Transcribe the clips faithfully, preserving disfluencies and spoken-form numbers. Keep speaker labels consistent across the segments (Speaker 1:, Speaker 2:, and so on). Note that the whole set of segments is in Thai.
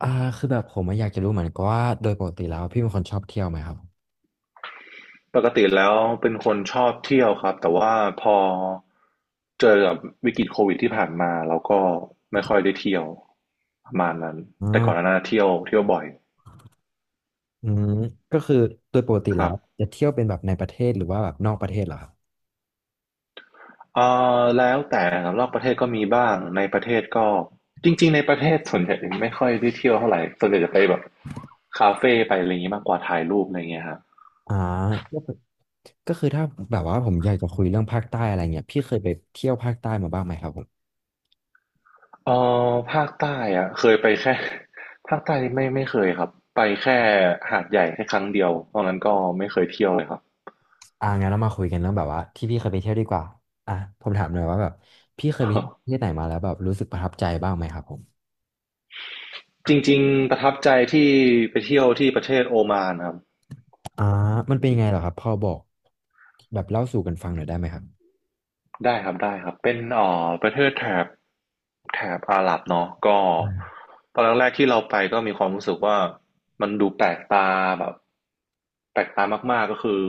Speaker 1: อ่าคือแบบผมอะอยากจะรู้เหมือนกันว่าโดยปกติแล้วพี่เป็นคนชอบเที่ยวไหมครับ
Speaker 2: ปกติแล้วเป็นคนชอบเที่ยวครับแต่ว่าพอเจอกับวิกฤตโควิดที่ผ่านมาเราก็ไม่ค่อยได้เที่ยวประมาณนั้นแต่ก่อนหน้า
Speaker 1: อ่า
Speaker 2: นั้นเที่ยวเที่ยวบ่อย
Speaker 1: อืมก็คือโดยปกติ
Speaker 2: ค
Speaker 1: แล้
Speaker 2: รั
Speaker 1: ว
Speaker 2: บ
Speaker 1: จะเที่ยวเป็นแบบในประเทศหรือว่าแบบนอกประเทศเหรอครับ
Speaker 2: เอ่อแล้วแต่ครับรอบประเทศก็มีบ้างในประเทศก็จริงๆในประเทศส่วนใหญ่ไม่ค่อยได้เที่ยวเท่าไหร่ส่วนใหญ่จะไปแบบคาเฟ่ไปอะไรอย่างนี้มากกว่าถ่ายรูปอะไรเงี้ยครับ
Speaker 1: อ่าก็คือก็คือถ้าแบบว่าผมอยากจะคุยเรื่องภาคใต้อะไรเงี้ยพี่เคยไปเที่ยวภาคใต้มาบ้างไหมครับผม
Speaker 2: เอ่อภาคใต้อะเคยไปแค่ ภาคใต้ไม่ไม่เคยครับไปแค่หาดใหญ่แค่ครั้งเดียวเพราะงั้นก็ไม่เคยเที่ยวเลยครับ
Speaker 1: อ่างั้นเรามาคุยกันเรื่องแบบว่าที่พี่เคยไปเที่ยวดีกว่าอ่ะผมถามหน่อยว่าแบบพี่เคยไปเที่ยวประเทศไหนมาแล้วแบบรู้สึกประทับใจบ้างไหมครับผม
Speaker 2: จริงๆประทับใจที่ไปเที่ยวที่ประเทศโอมานครับ
Speaker 1: อ่ามันเป็นยังไงเหรอครับพอบอกแบบเล่าสู่กันฟังหน่อยได้ไหมครับ
Speaker 2: ได้ครับได้ครับเป็นเอ่อประเทศแถบแถบอาหรับเนาะก็ตอนแรกๆที่เราไปก็มีความรู้สึกว่ามันดูแปลกตาแบบ แปลกตามากๆก็คือ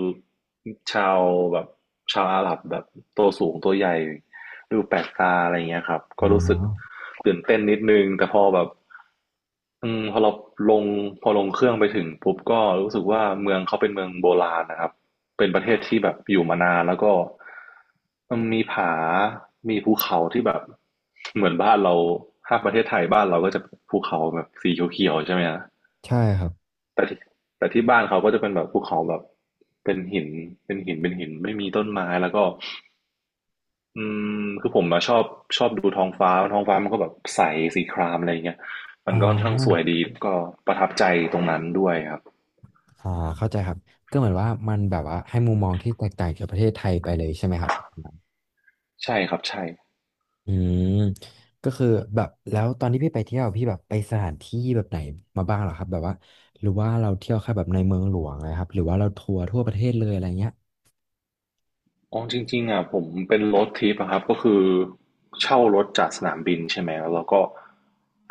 Speaker 2: ชาวแบบชาวอาหรับแบบตัวสูงตัวใหญ่ดูแปลกตาอะไรเงี้ยครับก็
Speaker 1: อ๋อ
Speaker 2: รู้สึกตื่นเต้นนิดนึงแต่พอแบบอืมพอเราลงพอลงเครื่องไปถึงปุ๊บก็รู้สึกว่าเมืองเขาเป็นเมืองโบราณนะครับเป็นประเทศที่แบบอยู่มานานแล้วก็มันมีผามีภูเขาที่แบบเหมือนบ้านเราถ้าประเทศไทยบ้านเราก็จะภูเขาแบบสีเขียวๆใช่ไหมฮะ
Speaker 1: ใช่ครับ
Speaker 2: แต่ที่แต่ที่บ้านเขาก็จะเป็นแบบภูเขาแบบเป็นหินเป็นหินเป็นหินไม่มีต้นไม้แล้วก็อืมคือผมอะชอบชอบดูท้องฟ้าท้องฟ้ามันก็แบบใสสีครามอะไรอย่างเงี้ยมั
Speaker 1: อ่
Speaker 2: นก็ค่อนข้างสว
Speaker 1: า
Speaker 2: ยดีก็ประทับใจตรงนั้นด้วยครับ
Speaker 1: อ่าเข้าใจครับก็เหมือนว่ามันแบบว่าให้มุมมองที่แตกต่างจากประเทศไทยไปเลยใช่ไหมครับ
Speaker 2: ใช่ครับใช่
Speaker 1: อืมก็คือแบบแล้วตอนที่พี่ไปเที่ยวพี่แบบไปสถานที่แบบไหนมาบ้างเหรอครับแบบว่าหรือว่าเราเที่ยวแค่แบบในเมืองหลวงนะครับหรือว่าเราทัวร์ทั่วประเทศเลยอะไรเงี้ย
Speaker 2: อ๋อจริงๆอ่ะผมเป็นรถทริปอะครับก็คือเช่ารถจากสนามบินใช่ไหมแล้วเราก็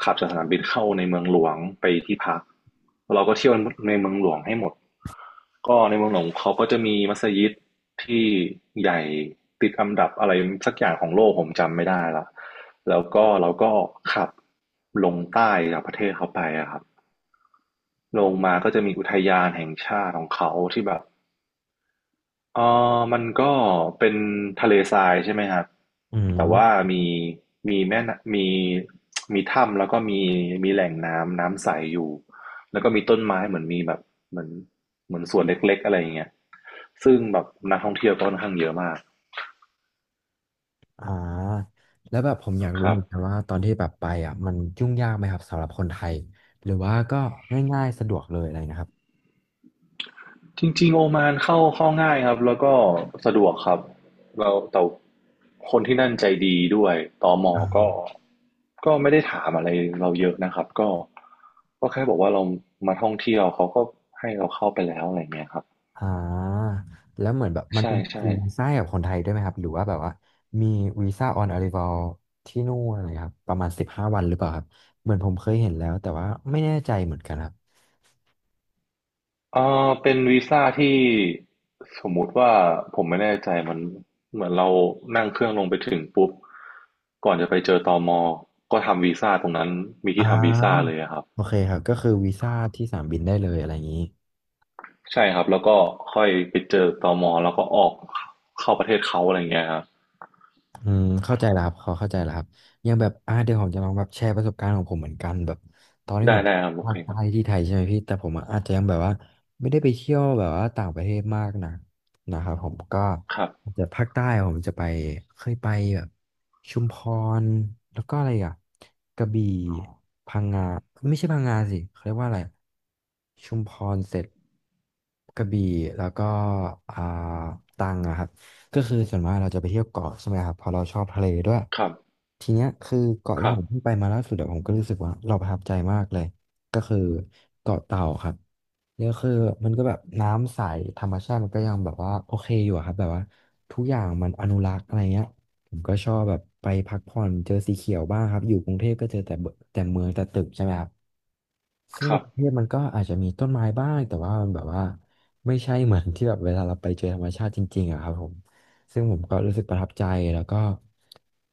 Speaker 2: ขับจากสนามบินเข้าในเมืองหลวงไปที่พักแล้วเราก็เที่ยวในเมืองหลวงให้หมด ก็ในเมืองหลวงเขาก็จะมีมัสยิดที่ใหญ่ติดอันดับอะไรสักอย่างของโลกผมจำไม่ได้ละแล้วก็เราก็ขับลงใต้จากประเทศเขาไปอะครับลงมาก็จะมีอุทยานแห่งชาติของเขาที่แบบ เอ่อมันก็เป็นทะเลทรายใช่ไหมครับ
Speaker 1: อื
Speaker 2: แต่
Speaker 1: ม
Speaker 2: ว่ามีมีแม่นมีมีถ้ำแล้วก็มีมีแหล่งน้ำน้ำใสอยู่แล้วก็มีต้นไม้เหมือนมีแบบเหมือนเหมือนสวนเล็กๆอะไรอย่างเงี้ยซึ่งแบบนักท่องเที่ยวก็ค่อนข้างเยอะมาก
Speaker 1: อ่าแล้วแบบผมอยาก
Speaker 2: ค
Speaker 1: รู้
Speaker 2: รั
Speaker 1: เห
Speaker 2: บ
Speaker 1: มือนกันว่าตอนที่แบบไปอ่ะมันยุ่งยากไหมครับสำหรับคนไทยหรือว่าก็ง่ายๆสะดวกเลยอะไรนะครับ
Speaker 2: จริงๆโอมานเข้าเข้าง่ายครับแล้วก็สะดวกครับแล้วแต่คนที่นั่นใจดีด้วยตมก็ก็ไม่ได้ถามอะไรเราเยอะนะครับก็ก็แค่บอกว่าเรามาท่องเที่ยวเขาก็ให้เราเข้าไปแล้วอะไรเงี้ยครับ
Speaker 1: อ่าแล้วเหมือนแบบมัน
Speaker 2: ใช่
Speaker 1: เป็น
Speaker 2: ใช่
Speaker 1: วีซ่ากับคนไทยด้วยไหมครับหรือว่าแบบว่ามีวีซ่าออนอา r ร i ว a ลที่นู่นอะไรครับประมาณสิบห้าวันหรือเปล่าครับเหมือนผมเคยเห็นแล้วแต่ว่าไม่แน่ใจเหมือนกันครับ
Speaker 2: เออเป็นวีซ่าที่สมมุติว่าผมไม่แน่ใจมันเหมือนเรานั่งเครื่องลงไปถึงปุ๊บก่อนจะไปเจอตมก็ทำวีซ่าตรงนั้นมี
Speaker 1: อ่
Speaker 2: ที่ทำวีซ่า
Speaker 1: า
Speaker 2: เลยอะครับ
Speaker 1: โอเคครับก็คือวีซ่าที่สนามบินได้เลยอะไรอย่างนี้
Speaker 2: ใช่ครับแล้วก็ค่อยไปเจอตมแล้วก็ออกเข้าประเทศเขาอะไรอย่างเงี้ยครับ
Speaker 1: อืมเข้าใจแล้วครับขอเข้าใจแล้วครับอยังแบบอ่าเดี๋ยวผมจะลองแบบแชร์ประสบการณ์ของผมเหมือนกันแบบตอนที่ผ
Speaker 2: ได้
Speaker 1: ม
Speaker 2: ได้ครับโอ
Speaker 1: ภา
Speaker 2: เค
Speaker 1: ค
Speaker 2: ค
Speaker 1: ใต้
Speaker 2: รับ
Speaker 1: ที่ไทยใช่ไหมพี่แต่ผมอะอาจจะยังแบบว่าไม่ได้ไปเที่ยวแบบว่าต่างประเทศมากนะนะครับผมก็
Speaker 2: ครับ
Speaker 1: อาจจะภาคใต้ผมจะไปเคยไปแบบชุมพรแล้วก็อะไรอ่ะกระบี่พังงาไม่ใช่พังงาสิเขาเรียกว่าอะไรชุมพรเสร็จกระบี่แล้วก็อ่าตรังอะครับ ก็คือส่วนมากเราจะไปเที่ยวเกาะใช่ไหมครับเพอเราชอบทะเลด้วย
Speaker 2: ครับ
Speaker 1: ทีเนี้ยคือเกาะ
Speaker 2: ค
Speaker 1: ที่
Speaker 2: รั
Speaker 1: ผม
Speaker 2: บ
Speaker 1: เพิ่งไปมาล่าสุดอะผมก็รู้สึกว่าเราประทับใจมากเลยก็คือเกาะเต่าครับเนี่ยคือมันก็แบบน้ำใสธรรมชาติมันก็ยังแบบว่าโอเคอยู่อะครับแบบว่าทุกอย่างมันอนุรักษ์อะไรเงี้ยผมก็ชอบแบบไปพักผ่อนเจอสีเขียวบ้างครับอยู่กรุงเทพก็เจอแต่เบแต่เมืองแต่ตึกใช่ไหมครับซึ่
Speaker 2: ค
Speaker 1: ง
Speaker 2: รั
Speaker 1: กรุงเท
Speaker 2: บ
Speaker 1: พมันก็อาจจะมีต้นไม้บ้างแต่ว่ามันแบบว่าไม่ใช่เหมือนที่แบบเวลาเราไปเจอธรรมชาติจริงๆอะครับผม ซึ่งผมก็รู้สึกประทับใจแล้วก็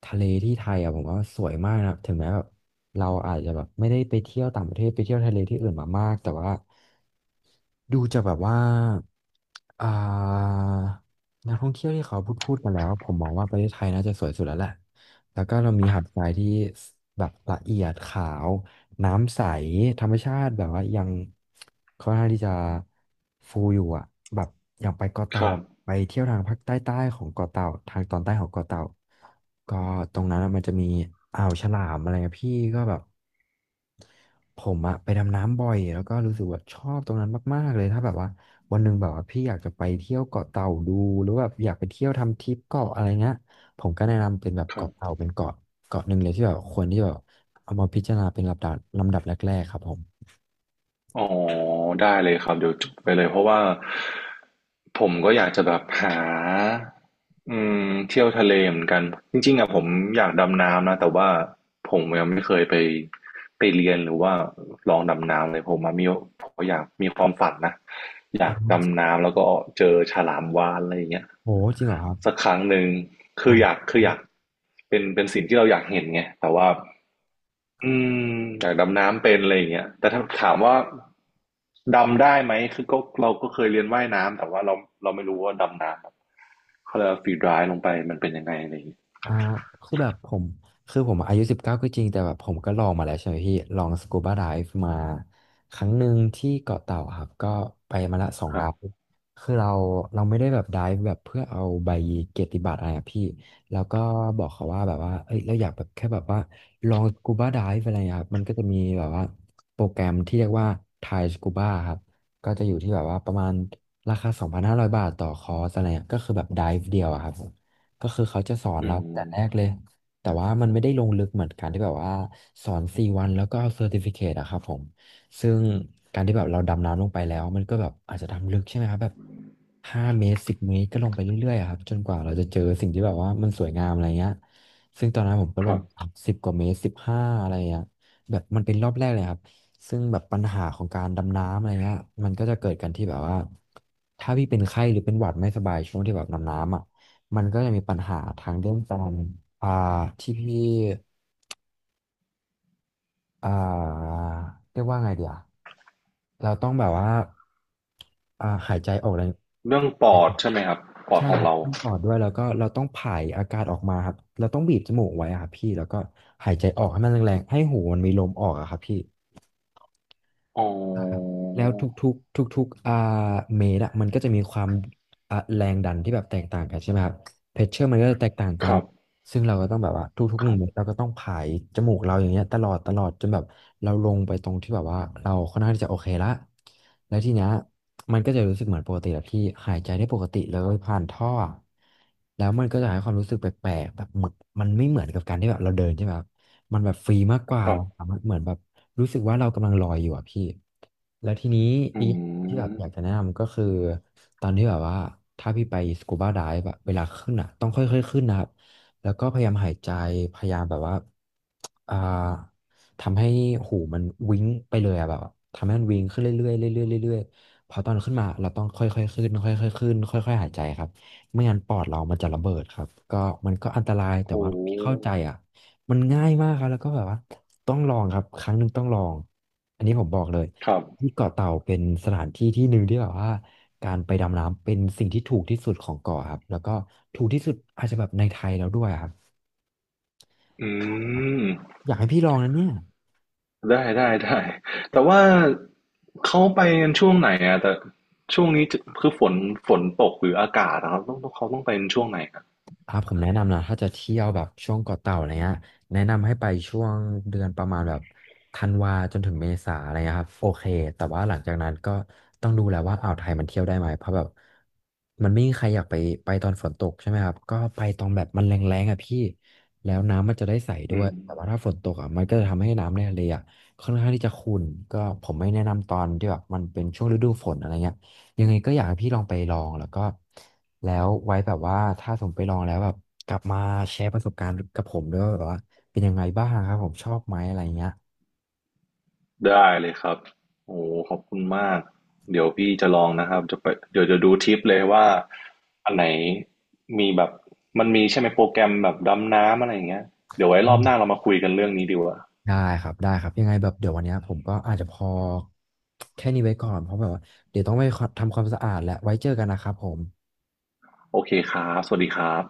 Speaker 1: ทะเลที่ไทยอ่ะผมว่าสวยมากนะครับถึงแม้แบบเราอาจจะแบบไม่ได้ไปเที่ยวต่างประเทศไปเที่ยวทะเลที่อื่นมามากแต่ว่าดูจะแบบว่าอ่านักท่องเที่ยวที่เขาพูดพูดมาแล้วผมมองว่าประเทศไทยน่าจะสวยสุดแล้วแหละ แล้วก็เรามีหาดทรายที่แบบละเอียดขาวน้ำใสธรรมชาติแบบว่ายังค่อนข้างที่จะฟูอยู่อ่ะแบบอย่างไปเกาะ
Speaker 2: ค
Speaker 1: เต่า
Speaker 2: รับ
Speaker 1: อะไปเที่ยวทางภาคใต้ใต้ของเกาะเต่าทางตอนใต้ของเกาะเต่าก็ตรงนั้นอะมันจะมีอ่าวฉลามอะไรเงี้ยพี่ก็แบบ ผมอะไปดำน้ำบ่อยแล้วก็รู้สึกว่าชอบตรงนั้นมากๆเลยถ้าแบบว่าวันหนึ่งแบบว่าพี่อยากจะไปเที่ยวเกาะเต่าดูหรือแบบอยากไปเที่ยวทำทริปเกาะอะไรเงี้ยผมก็แนะนำเป็นแบบ
Speaker 2: ครั
Speaker 1: เกาะเต่า
Speaker 2: บ
Speaker 1: เป็นเกาะเกาะหนึ่งเลยที่แบบควรที่แบบเอามาพิจารณาเป็นลำดับลำดับแรกๆครับผม
Speaker 2: อ๋อได้เลยครับเดี๋ยวจดไปเลยเพราะว่าผมก็อยากจะแบบหา อืมเที่ยวทะเลเหมือนกันจริงๆอ่ะผมอยากดำน้ำนะแต่ว่าผมยังไม่เคยไปไปเรียนหรือว่าลองดำน้ำเลยผมมามีผมอยากมีความฝันนะอ
Speaker 1: อ้า
Speaker 2: ยากดำน้ำแล้วก็เจอฉลามวาฬอะไรอย่างเงี้ย
Speaker 1: โหจริงเหรอครั
Speaker 2: สั
Speaker 1: บ
Speaker 2: กครั้งหนึ่งคื
Speaker 1: อ่า
Speaker 2: ออยากคืออยากเป็นเป็นสิ่งที่เราอยากเห็นไงแต่ว่าอืมอยากดำน้ำเป็นอะไรอย่างเงี้ยแต่ถ้าถามว่าดำได้ไหมคือก็เราก็เคยเรียนว่ายน้ำแต่ว่าเราเราไม่รู้ว่าดำน้ำ เขาเรียกว่าฟรีดร้ายลงไปมันเป็นยังไงอะไรอย่างงี้
Speaker 1: อ่าคือแบบผมคือผมอายุสิบเก้าก็จริงแต่แบบผมก็ลองมาแล้วใช่ไหมพี่ลองสกูบาไดฟ์มาครั้งหนึ่งที่เกาะเต่าครับก็ไปมาละสอง
Speaker 2: ครั
Speaker 1: ดาว
Speaker 2: บ
Speaker 1: คือเราเราไม่ได้แบบไดฟ์แบบเพื่อเอาใบเกียรติบัตรอะไรอะพี่แล้วก็บอกเขาว่าแบบว่าเอ้ยเราอยากแบบแค่แบบว่าลองสกูบาไดฟ์อะไรอะครับมันก็จะมีแบบว่าโปรแกรมที่เรียกว่าไทยสกูบาครับก็จะอยู่ที่แบบว่าประมาณราคาสองพันห้าร้อยบาทต่อคอร์สอะไรเงี้ยก็คือแบบไดฟ์เดียวอะครับ ก็คือเขาจะสอน
Speaker 2: อื
Speaker 1: เรา
Speaker 2: ม
Speaker 1: แต่แรกเลย แต่ว่ามันไม่ได้ลงลึกเหมือนการที่แบบว่าสอนสี่วันแล้วก็เอาเซอร์ติฟิเคตอะครับผมซึ่งการที่แบบเราดำน้ำลงไปแล้วมันก็แบบอาจจะดำลึกใช่ไหมครับแบบห้าเมตรสิบเมตรก็ลงไปเรื่อยๆอะครับจนกว่าเราจะเจอสิ่งที่แบบว่ามันสวยงามอะไรเงี้ยซึ่งตอนนั้นผมก็
Speaker 2: ค
Speaker 1: ล
Speaker 2: รั
Speaker 1: ง
Speaker 2: บ
Speaker 1: สิบกว่าเมตรสิบห้าอะไรเงี้ยแบบมันเป็นรอบแรกเลยครับ ซึ่งแบบปัญหาของการดำน้ำอะไรเงี้ยมันก็จะเกิดกันที่แบบว่าถ้าพี่เป็นไข้หรือเป็นหวัดไม่สบายช่วงที่แบบดำน้ำอ่ะ มันก็ยังมีปัญหาทางเรื่องการอ่าที่พี่อ่าเรียกว่าไงเดียวเราต้องแบบว่าอ่าหายใจออกแรง
Speaker 2: เรื่องปอดใช่ไหมครับปอด
Speaker 1: ใช่
Speaker 2: ขอ
Speaker 1: ค
Speaker 2: ง
Speaker 1: รับ
Speaker 2: เรา
Speaker 1: ท่ปอดด้วยแล้วก็เราต้องผายอากาศออกมาครับเราต้องบีบจมูกไว้อะครับพี่แล้วก็หายใจออกให้มันแรงๆให้หูมันมีลมออกอะครับพี่
Speaker 2: อ๋
Speaker 1: ครับ
Speaker 2: อ
Speaker 1: แล้วทุกๆทุกๆอ่าเมตรอะมันก็จะมีความอ่าแรงดันที่แบบแตกต่างกันใช่ไหมครับเพชเชอร์มันก็จะแตกต่างกั
Speaker 2: ค
Speaker 1: น
Speaker 2: รับ
Speaker 1: ซึ่งเราก็ต้องแบบว่าทุกๆ
Speaker 2: ค
Speaker 1: หนึ่
Speaker 2: รั
Speaker 1: งเมตร
Speaker 2: บ
Speaker 1: เราก็ต้องผายจมูกเราอย่างเงี้ยตลอดตลอดจนแบบเราลงไปตรงที่แบบว่าเราค่อนข้างที่จะโอเคละแล้วทีเนี้ยมันก็จะรู้สึกเหมือนปกติแบบที่หายใจได้ปกติเลยผ่านท่อแล้วมันก็จะให้ความรู้สึกแปลกๆแบบเหมือนมันไม่เหมือนกับการที่แบบเราเดินใช่ไหมครับมันแบบฟรีมากกว่า
Speaker 2: ครั
Speaker 1: เรา
Speaker 2: บ
Speaker 1: สามารถเหมือนแบบรู้สึกว่าเรากำลังลอยอยู่อะพี่แล้วทีนี้
Speaker 2: อื
Speaker 1: อีกที่แบบ
Speaker 2: ม
Speaker 1: อยากจะแนะนำก็คือตอนที่แบบว่าถ้าพี่ไปสกูบาไดฟ์อะเวลาขึ้นอะต้องค่อยๆขึ้นนะครับ แล้วก็พยายามหายใจพยายามแบบว่าอ่าทำให้หูมันวิ้งไปเลยอะแบบว่าทำให้มันวิ้งขึ้นเรื่อยๆเรื่อยๆเรื่อยๆพอตอนขึ้นมาเราต้องค่อยๆขึ้นค่อยๆขึ้นค่อยๆหายใจครับไม่งั้นปอดเรามันจะระเบิดครับก็มันก็อันตรายแต่
Speaker 2: โอ้
Speaker 1: ว่าพี่เข้าใจอ่ะมันง่ายมากครับแล้วก็แบบว่าต้องลองครับครั้งหนึ่งต้องลองอันนี้ผมบอกเลย
Speaker 2: ครับ
Speaker 1: ที่เกาะเต่าเป็นสถานที่ที่หนึ่งที่แบบว่า การไปดำน้ำเป็นสิ่งที่ถูกที่สุดของเกาะครับแล้วก็ถูกที่สุดอาจจะแบบในไทยแล้วด้วยครับ
Speaker 2: อืม
Speaker 1: อยากให้พี่ลองนะเนี่ย
Speaker 2: ได้ได้ได้แต่ว่าเขาไปกันช่วงไหนอะแต่ช่วงนี้จะคือฝนฝนตกหรืออากาศนะครับต้องต้องเขาต้องไปกันช่วงไหนครับ
Speaker 1: อ่าผมแนะนำนะถ้าจะเที่ยวแบบช่วงเกาะเต่าอะไรเงี้ยแนะนำให้ไปช่วงเดือนประมาณแบบธันวาจนถึงเมษาอะไรเงี้ยครับโอเคแต่ว่าหลังจากนั้นก็ต้องดูแล้วว่าอ่าวไทยมันเที่ยวได้ไหมเพราะแบบมันไม่มีใครอยากไปไปตอนฝนตกใช่ไหมครับก็ไปตอนแบบมันแรงๆอ่ะพี่แล้วน้ำมันจะได้ใส
Speaker 2: อื
Speaker 1: ด้วย
Speaker 2: ม
Speaker 1: แต่ว่าถ้าฝนตกอ่ะมันก็จะทำให้น้ำในทะเลอ่ะค่อนข้างที่จะขุ่นก็ผมไม่แนะนำตอนที่แบบมันเป็นช่วงฤดูฝนอะไรเงี้ย ยังไงก็อยากให้พี่ลองไปลองแล้วก็แล้วไว้แบบว่าถ้าสมไปลองแล้วแบบกลับมาแชร์ประสบการณ์กับผมด้วยว่าแบบว่าเป็นยังไงบ้างครับผมชอบไหมอะไรเงี้ย
Speaker 2: ได้เลยครับโอ้ขอบคุณมาก เดี๋ยวพี่จะลองนะครับจะไปเดี๋ยวจะดูทิปเลยว่า อันไหนมีแบบ มันมีใช่ไหมโปรแกรมแบบดำน้ำอะไรอย่างเงี้ยเดี๋ยวไว้ร
Speaker 1: อื
Speaker 2: อบหน้า
Speaker 1: ม
Speaker 2: เรามาคุยกันเรื่องนี้ดีกว่า
Speaker 1: ได้ครับได้ครับยังไงแบบเดี๋ยววันเนี้ยผมก็อาจจะพอแค่นี้ไว้ก่อนเพราะแบบว่าเดี๋ยวต้องไปทำความสะอาดและไว้เจอกันนะครับผม
Speaker 2: โอเคครับ สวัสดีครับ